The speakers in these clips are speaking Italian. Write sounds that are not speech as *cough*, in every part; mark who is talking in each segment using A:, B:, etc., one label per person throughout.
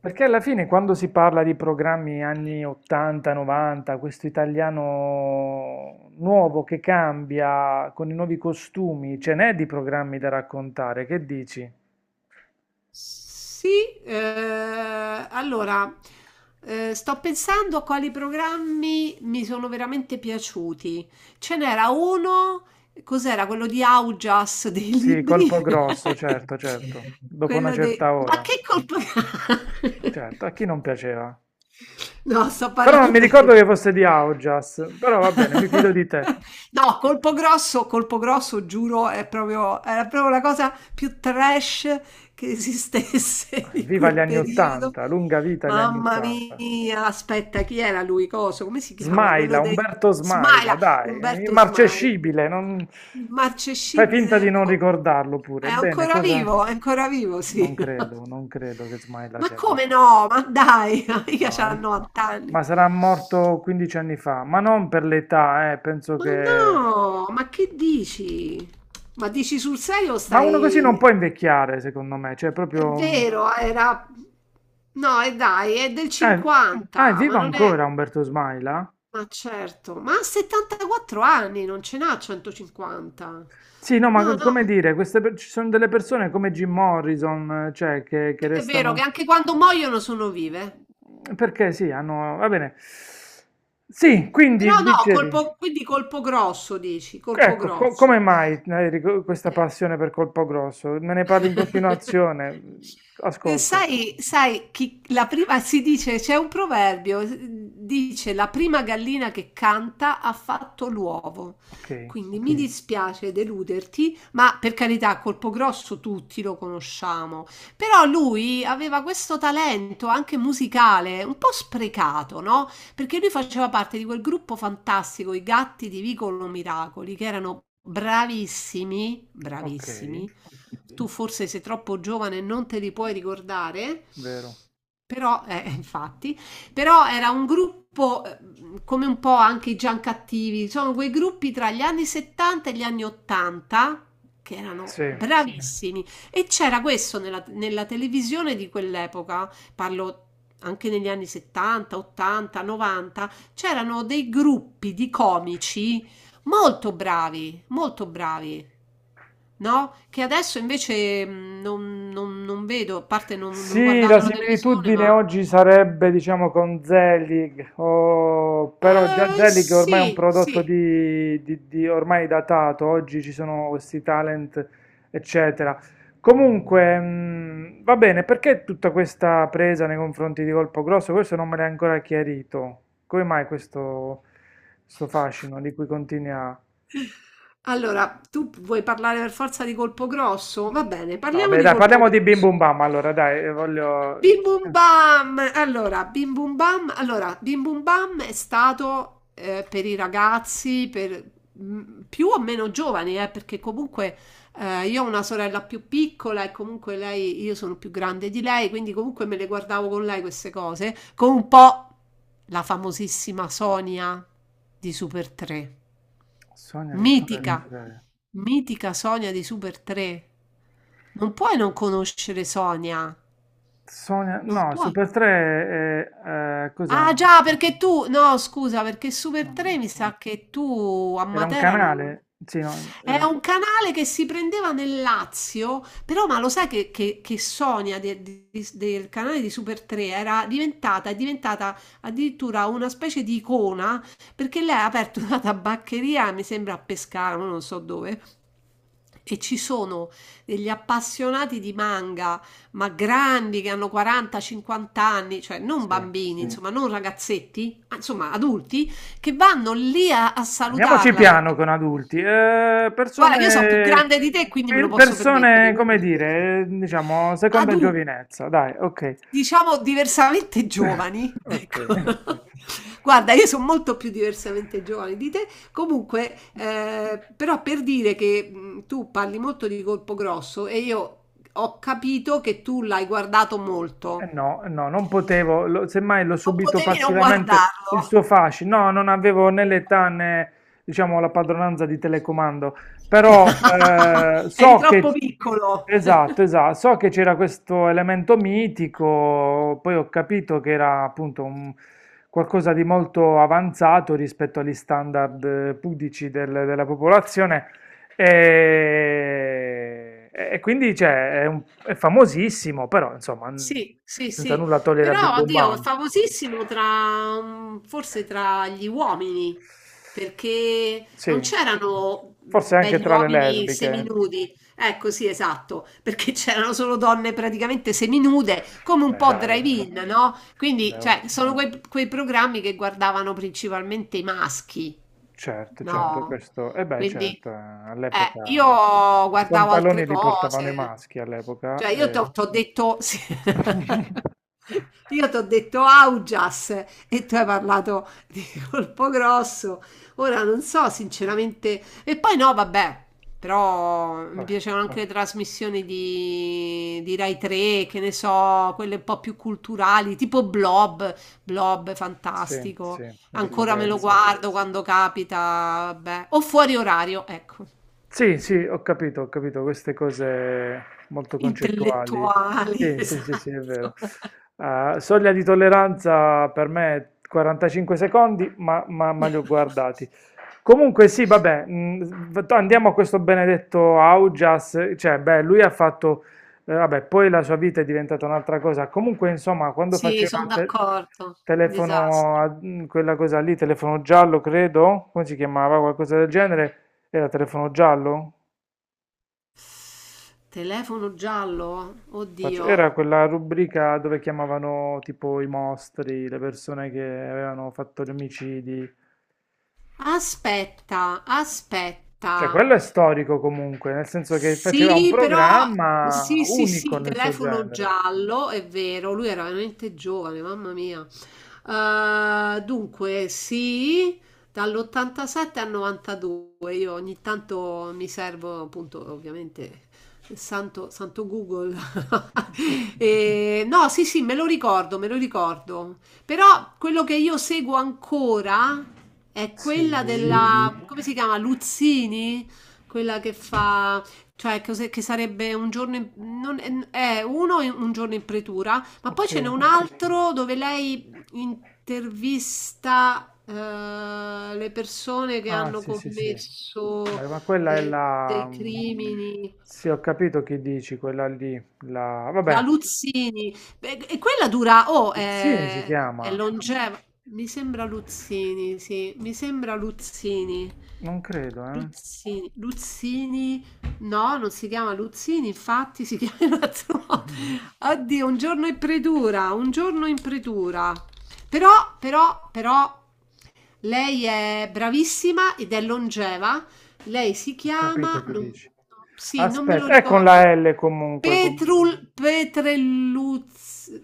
A: Perché alla fine quando si parla di programmi anni 80, 90, questo italiano nuovo che cambia con i nuovi costumi, ce n'è di programmi da raccontare, che dici?
B: Sì, eh, allora sto pensando a quali programmi mi sono veramente piaciuti. Ce n'era uno, cos'era quello di Augias dei
A: Sì,
B: libri?
A: colpo grosso, certo, certo,
B: *laughs*
A: dopo una
B: Quello dei...
A: certa
B: Ma
A: ora,
B: che colpa... *laughs*
A: certo, a chi non piaceva?
B: No, sto
A: Però non mi
B: parlando
A: ricordo
B: di...
A: che fosse di Augias, però va bene, mi fido
B: *laughs*
A: di te.
B: No, colpo grosso, giuro, era proprio la cosa più trash che esistesse *laughs*
A: Ah,
B: in
A: Viva gli
B: quel
A: anni
B: periodo.
A: 80, lunga vita gli anni
B: Mamma
A: 80.
B: mia, aspetta, chi era lui? Coso? Come si chiama? Quello
A: Smaila,
B: dei
A: Umberto Smaila,
B: Smaila,
A: dai, è
B: Umberto Smaila.
A: immarcescibile, non... Fai finta di
B: Immarcescibile.
A: non ricordarlo pure. Bene, cosa?
B: È ancora vivo,
A: Non
B: sì. *laughs*
A: credo, non credo che Smaila
B: Ma
A: sia
B: come
A: vivo.
B: no? Ma dai, *laughs* mica
A: No,
B: c'ha 90 anni.
A: ma sarà morto 15 anni fa, ma non per l'età, penso
B: Ma
A: che.
B: no, ma che dici? Ma dici sul serio
A: Ma uno così non
B: stai...
A: può invecchiare, secondo me, cioè
B: È
A: proprio.
B: vero, era... No, e dai, è del
A: Eh, ah, è
B: 50, ma
A: vivo
B: non è...
A: ancora Umberto Smaila?
B: Ma certo, ma ha 74 anni, non ce n'ha 150.
A: Sì, no, ma
B: No,
A: come
B: no,
A: dire, queste ci sono delle persone come Jim Morrison, cioè, che
B: è vero che
A: restano.
B: anche quando muoiono sono vive.
A: Perché sì, hanno va bene. Sì,
B: Però
A: quindi
B: no,
A: dicevi,
B: quindi colpo grosso, dici, colpo
A: ecco, come
B: grosso.
A: mai hai
B: Ok.
A: questa passione per Colpo Grosso? Me ne parli in continuazione, ascolto.
B: Sai, la prima, si dice, c'è un proverbio, dice la prima gallina che canta ha fatto l'uovo.
A: Ok,
B: Quindi mi dispiace deluderti, ma per carità, Colpo Grosso tutti lo conosciamo. Però lui aveva questo talento anche musicale, un po' sprecato, no? Perché lui faceva parte di quel gruppo fantastico, i Gatti di Vicolo Miracoli, che erano bravissimi,
A: ok,
B: bravissimi. Tu forse sei troppo giovane e non te li puoi ricordare,
A: vero.
B: però, *laughs* infatti, però era un gruppo come un po' anche i Giancattivi, sono quei gruppi tra gli anni 70 e gli anni 80 che erano
A: Sì.
B: bravissimi. E c'era questo nella, nella televisione di quell'epoca, parlo anche negli anni 70, 80, 90, c'erano dei gruppi di comici molto bravi, molto bravi. No? Che adesso invece non vedo, a parte non
A: Sì, la
B: guardando la televisione,
A: similitudine
B: ma...
A: oggi sarebbe, diciamo, con Zelig, però già Zelig ormai è un
B: Sì, sì.
A: prodotto ormai datato, oggi ci sono questi talent, eccetera. Comunque, va bene, perché tutta questa presa nei confronti di Colpo Grosso? Questo non me l'hai ancora chiarito. Come mai questo fascino di cui continui a.
B: Allora, tu vuoi parlare per forza di colpo grosso? Va bene,
A: No,
B: parliamo
A: vabbè,
B: di
A: dai,
B: colpo
A: parliamo di Bim
B: grosso.
A: Bum Bam, allora, dai, voglio.
B: Bim Bum Bam! Allora, Bim Bum Bam, allora, Bim Bum Bam è stato per i ragazzi, per più o meno giovani, perché comunque io ho una sorella più piccola e comunque lei, io sono più grande di lei, quindi comunque me le guardavo con lei queste cose, con un po' la famosissima Sonia di Super 3,
A: Sonia di Super
B: mitica,
A: 3.
B: mitica Sonia di Super 3. Non puoi non conoscere Sonia,
A: Sonia,
B: non
A: no,
B: puoi.
A: Super 3 è, cos'è
B: Ah
A: un,
B: già, perché tu, no, scusa, perché Super
A: Sonia?
B: 3 mi sa che tu a
A: Era un
B: Matera non...
A: canale? Sì, no,
B: È
A: era,
B: un canale che si prendeva nel Lazio, però ma lo sai che, che Sonia del canale di Super 3 è diventata addirittura una specie di icona, perché lei ha aperto *laughs* una tabaccheria, mi sembra a Pescara, ma non so dove, e ci sono degli appassionati di manga ma grandi che hanno 40-50 anni, cioè non
A: sì.
B: bambini, insomma, non ragazzetti, ma insomma adulti, che vanno lì a
A: Andiamoci
B: salutarla
A: piano
B: perché
A: con adulti. Eh,
B: guarda che io so' più
A: persone,
B: grande di te e quindi me lo
A: per-
B: posso permettere,
A: persone, come
B: quindi.
A: dire,
B: *laughs*
A: diciamo, seconda
B: Adu
A: giovinezza, dai, ok.
B: diciamo diversamente
A: *laughs*
B: giovani, *laughs*
A: Ok.
B: ecco. Guarda, io son molto più diversamente giovane di te. Comunque, però per dire che, tu parli molto di Colpo Grosso e io ho capito che tu l'hai guardato molto.
A: No, eh no, non potevo, semmai l'ho
B: Non
A: subito
B: potevi non
A: passivamente il
B: guardarlo.
A: suo fascino. No, non avevo né l'età né, diciamo, la padronanza di telecomando, però
B: *laughs* Eri
A: so
B: troppo
A: che,
B: piccolo.
A: esatto, esatto, so che c'era questo elemento mitico, poi ho capito che era appunto qualcosa di molto avanzato rispetto agli standard pudici della popolazione. E quindi cioè, è famosissimo, però insomma,
B: Sì, sì,
A: senza
B: sì,
A: nulla togliere a Bim
B: però
A: Bum
B: oddio, è
A: Bam.
B: famosissimo tra, forse tra gli uomini, perché
A: Sì,
B: non c'erano
A: forse anche
B: belli
A: tra le
B: uomini
A: lesbiche.
B: seminudi, ecco sì, esatto, perché *laughs* c'erano solo donne praticamente seminude, come un
A: Beh,
B: po'
A: dai, eh.
B: drive-in, no? Quindi,
A: Beh, oh,
B: cioè, sono quei, quei programmi che guardavano principalmente i maschi,
A: certo, certo,
B: no?
A: questo, e beh,
B: Quindi
A: certo,
B: io
A: all'epoca i
B: guardavo altre
A: pantaloni li portavano i
B: cose,
A: maschi all'epoca.
B: cioè io ti ho detto, sì.
A: *laughs*
B: *laughs* Io ti ho detto Augias e tu hai parlato di colpo grosso, ora non so sinceramente, e poi no, vabbè, però mi
A: Vabbè,
B: piacevano anche le trasmissioni di, Rai 3, che ne so, quelle un po' più culturali, tipo Blob. Blob,
A: sì,
B: fantastico.
A: sì, Enrico
B: Ancora me lo
A: Ghezzi.
B: guardo quando capita, vabbè. O fuori orario, ecco.
A: Sì, sì, ho capito queste cose molto concettuali.
B: Intellettuali,
A: Sì, sì,
B: *laughs*
A: sì, sì, è vero.
B: esatto.
A: Soglia di tolleranza per me 45 secondi, ma li ho guardati. Comunque sì, vabbè, andiamo a questo benedetto Augias, cioè, beh, lui ha fatto, vabbè, poi la sua vita è diventata un'altra cosa. Comunque, insomma, quando
B: Sì,
A: faceva
B: sono
A: te-
B: d'accordo.
A: telefono,
B: Disastro.
A: quella cosa lì, telefono giallo, credo, come si chiamava, qualcosa del genere. Era telefono giallo?
B: Telefono giallo?
A: Era
B: Oddio.
A: quella rubrica dove chiamavano tipo i mostri, le persone che avevano fatto gli omicidi.
B: Aspetta,
A: Cioè,
B: aspetta.
A: quello è storico comunque, nel senso che faceva un
B: Sì, però
A: programma
B: sì, sì,
A: unico
B: sì,
A: nel suo
B: telefono
A: genere.
B: giallo, è vero, lui era veramente giovane, mamma mia. Dunque, sì, dall'87 al 92, io ogni tanto mi servo, appunto, ovviamente, il santo, santo Google. *laughs* E, no, sì, sì, me lo ricordo, me lo ricordo. Però quello che io seguo ancora è quella
A: Sì,
B: della, come si chiama, Luzzini? Quella che fa, cioè cos'è- che sarebbe un giorno in- non- un giorno in pretura, ma poi
A: ok.
B: ce n'è un altro dove lei intervista le persone che
A: Ah,
B: hanno
A: sì, sì, sì.
B: commesso
A: Beh, ma quella è la.
B: dei crimini.
A: Sì, ho capito che dici, quella lì. La.
B: La
A: Vabbè,
B: Luzzini, beh, e quella dura, oh,
A: Pezzini si chiama.
B: è longeva. Mi sembra Luzzini, sì, mi sembra Luzzini.
A: Non credo, eh.
B: Luzzini, Luzzini, no, non si chiama Luzzini, infatti si *laughs* chiama in un altro modo.
A: *laughs*
B: Oddio, un giorno in predura, un giorno in predura. Però, però, però, lei è bravissima ed è longeva. Lei si
A: Ho capito
B: chiama,
A: che dici.
B: sì, non me lo
A: Aspetta, è con
B: ricordo.
A: la L comunque.
B: Petrul Petrelluzzi,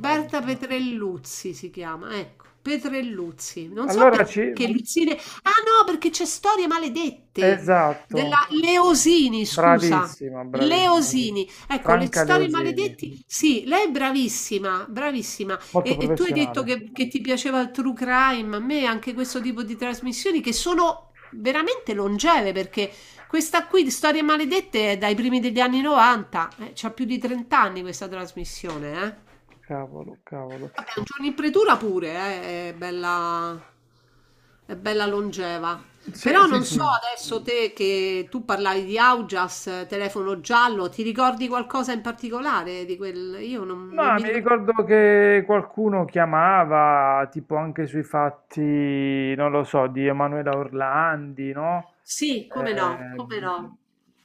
A: Vabbè.
B: Petrelluzzi si chiama, ecco, Petrelluzzi. Non so
A: Allora ci.
B: perché Luzzine. Ah no, perché c'è Storie Maledette
A: Esatto,
B: della Leosini, scusa.
A: bravissima, bravissima.
B: Leosini, ecco, le
A: Franca
B: storie
A: Leosini,
B: maledetti. Sì, lei è bravissima, bravissima.
A: molto
B: E tu hai detto
A: professionale.
B: che ti piaceva il true crime, a me anche questo tipo di trasmissioni che sono veramente longeve perché questa qui di Storie Maledette è dai primi degli anni 90, c'ha più di 30 anni questa trasmissione, eh.
A: Cavolo, cavolo.
B: Vabbè, un giorno in pretura pure, è bella longeva.
A: Sì,
B: Però
A: sì,
B: non so
A: sì.
B: adesso te che tu parlavi di Augias, telefono giallo, ti ricordi qualcosa in particolare di quel... Io non, non
A: No,
B: mi
A: mi
B: ricordo.
A: ricordo che qualcuno chiamava, tipo anche sui fatti, non lo so, di Emanuela Orlandi, no?
B: Sì, come no,
A: eh,
B: come
A: mh,
B: no.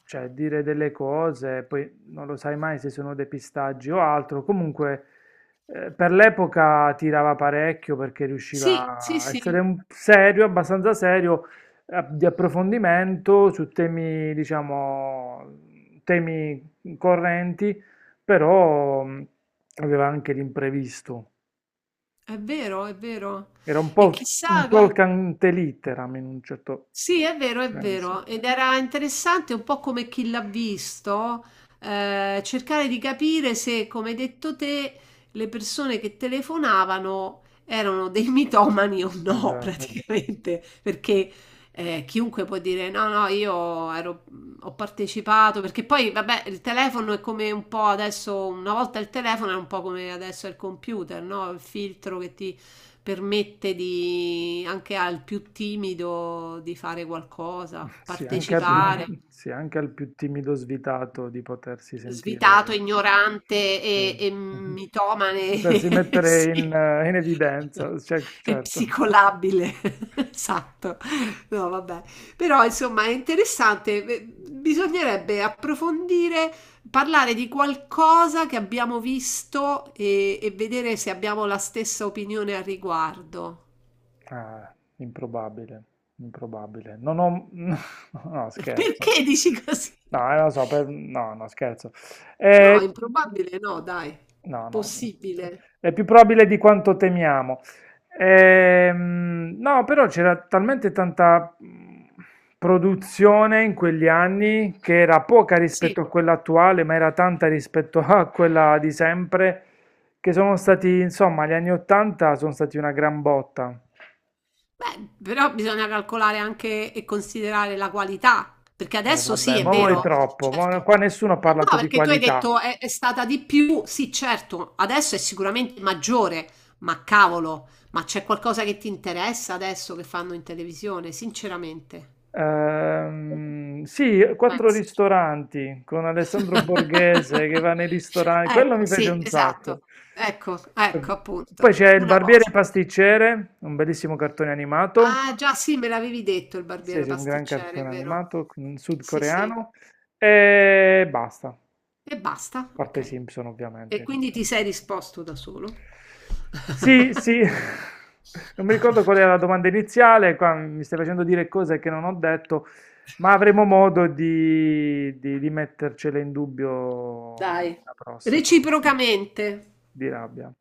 A: cioè dire delle cose, poi non lo sai mai se sono depistaggi o altro. Comunque, per l'epoca tirava parecchio perché
B: Sì, sì,
A: riusciva a essere
B: sì,
A: serio, abbastanza serio, di approfondimento su temi, diciamo, temi correnti, però aveva anche l'imprevisto.
B: è vero, è vero.
A: Era un
B: E
A: po' un
B: chissà,
A: talk ante litteram in un certo
B: sì, è vero, è
A: senso.
B: vero. Ed era interessante un po' come chi l'ha visto, cercare di capire se, come hai detto te, le persone che telefonavano erano dei *laughs* mitomani o no, *laughs*
A: Esatto.
B: praticamente, perché chiunque può dire no, no, ho partecipato, perché poi, vabbè, il telefono è come un po' adesso, una volta il telefono era un po' come adesso è il computer, no? Il filtro che ti permette di, anche al più timido di fare qualcosa,
A: Sì, anche al più,
B: partecipare.
A: sì, anche al più timido svitato di potersi
B: Svitato,
A: sentire,
B: ignorante e,
A: sì,
B: e
A: *laughs*
B: mitomane,
A: potersi
B: *laughs*
A: mettere
B: sì.
A: in evidenza, cioè,
B: È
A: certo.
B: psicolabile, *laughs* esatto. No, vabbè. Però insomma è interessante. Bisognerebbe approfondire, parlare di qualcosa che abbiamo visto e vedere se abbiamo la stessa opinione al riguardo.
A: Ah, improbabile, improbabile. Non ho. *laughs* No,
B: *laughs*
A: scherzo.
B: Perché dici così?
A: No, lo so, no, no, scherzo. Eh,
B: No, improbabile no, dai.
A: No, no,
B: Possibile.
A: è più probabile di quanto temiamo. No, però c'era talmente tanta produzione in quegli anni che era poca
B: Sì.
A: rispetto a quella attuale, ma era tanta rispetto a quella di sempre, che sono stati, insomma, gli anni 80 sono stati una gran botta.
B: Beh, però bisogna calcolare anche e considerare la qualità, perché adesso sì,
A: Vabbè,
B: è
A: ma voi
B: vero,
A: troppo, ma
B: certo.
A: qua nessuno ha parlato
B: No,
A: di
B: perché tu hai
A: qualità.
B: detto è stata di più, sì, certo, adesso è sicuramente maggiore, ma cavolo, ma c'è qualcosa che ti interessa adesso che fanno in televisione, sinceramente.
A: Sì, quattro ristoranti con Alessandro Borghese che
B: *laughs*
A: va nei ristoranti, quello
B: Ecco,
A: mi piace
B: sì,
A: un
B: esatto.
A: sacco.
B: Ecco, ecco
A: Poi
B: appunto,
A: c'è il
B: una
A: barbiere
B: cosa.
A: e pasticcere, un bellissimo cartone animato.
B: Ah, già sì, me l'avevi detto il
A: Sì,
B: barbiere
A: sì, un gran
B: pasticcere, è
A: cartone
B: vero?
A: animato
B: Sì, sì.
A: sudcoreano. E basta, a
B: E basta,
A: parte i
B: ok.
A: Simpson
B: E
A: ovviamente.
B: quindi ti sei risposto da solo?
A: Sì, sì, *laughs* non mi ricordo qual era la domanda iniziale, qua mi stai facendo dire cose che non ho detto, ma avremo modo di mettercele in dubbio
B: Dai,
A: la prossima,
B: reciprocamente.
A: di rabbia.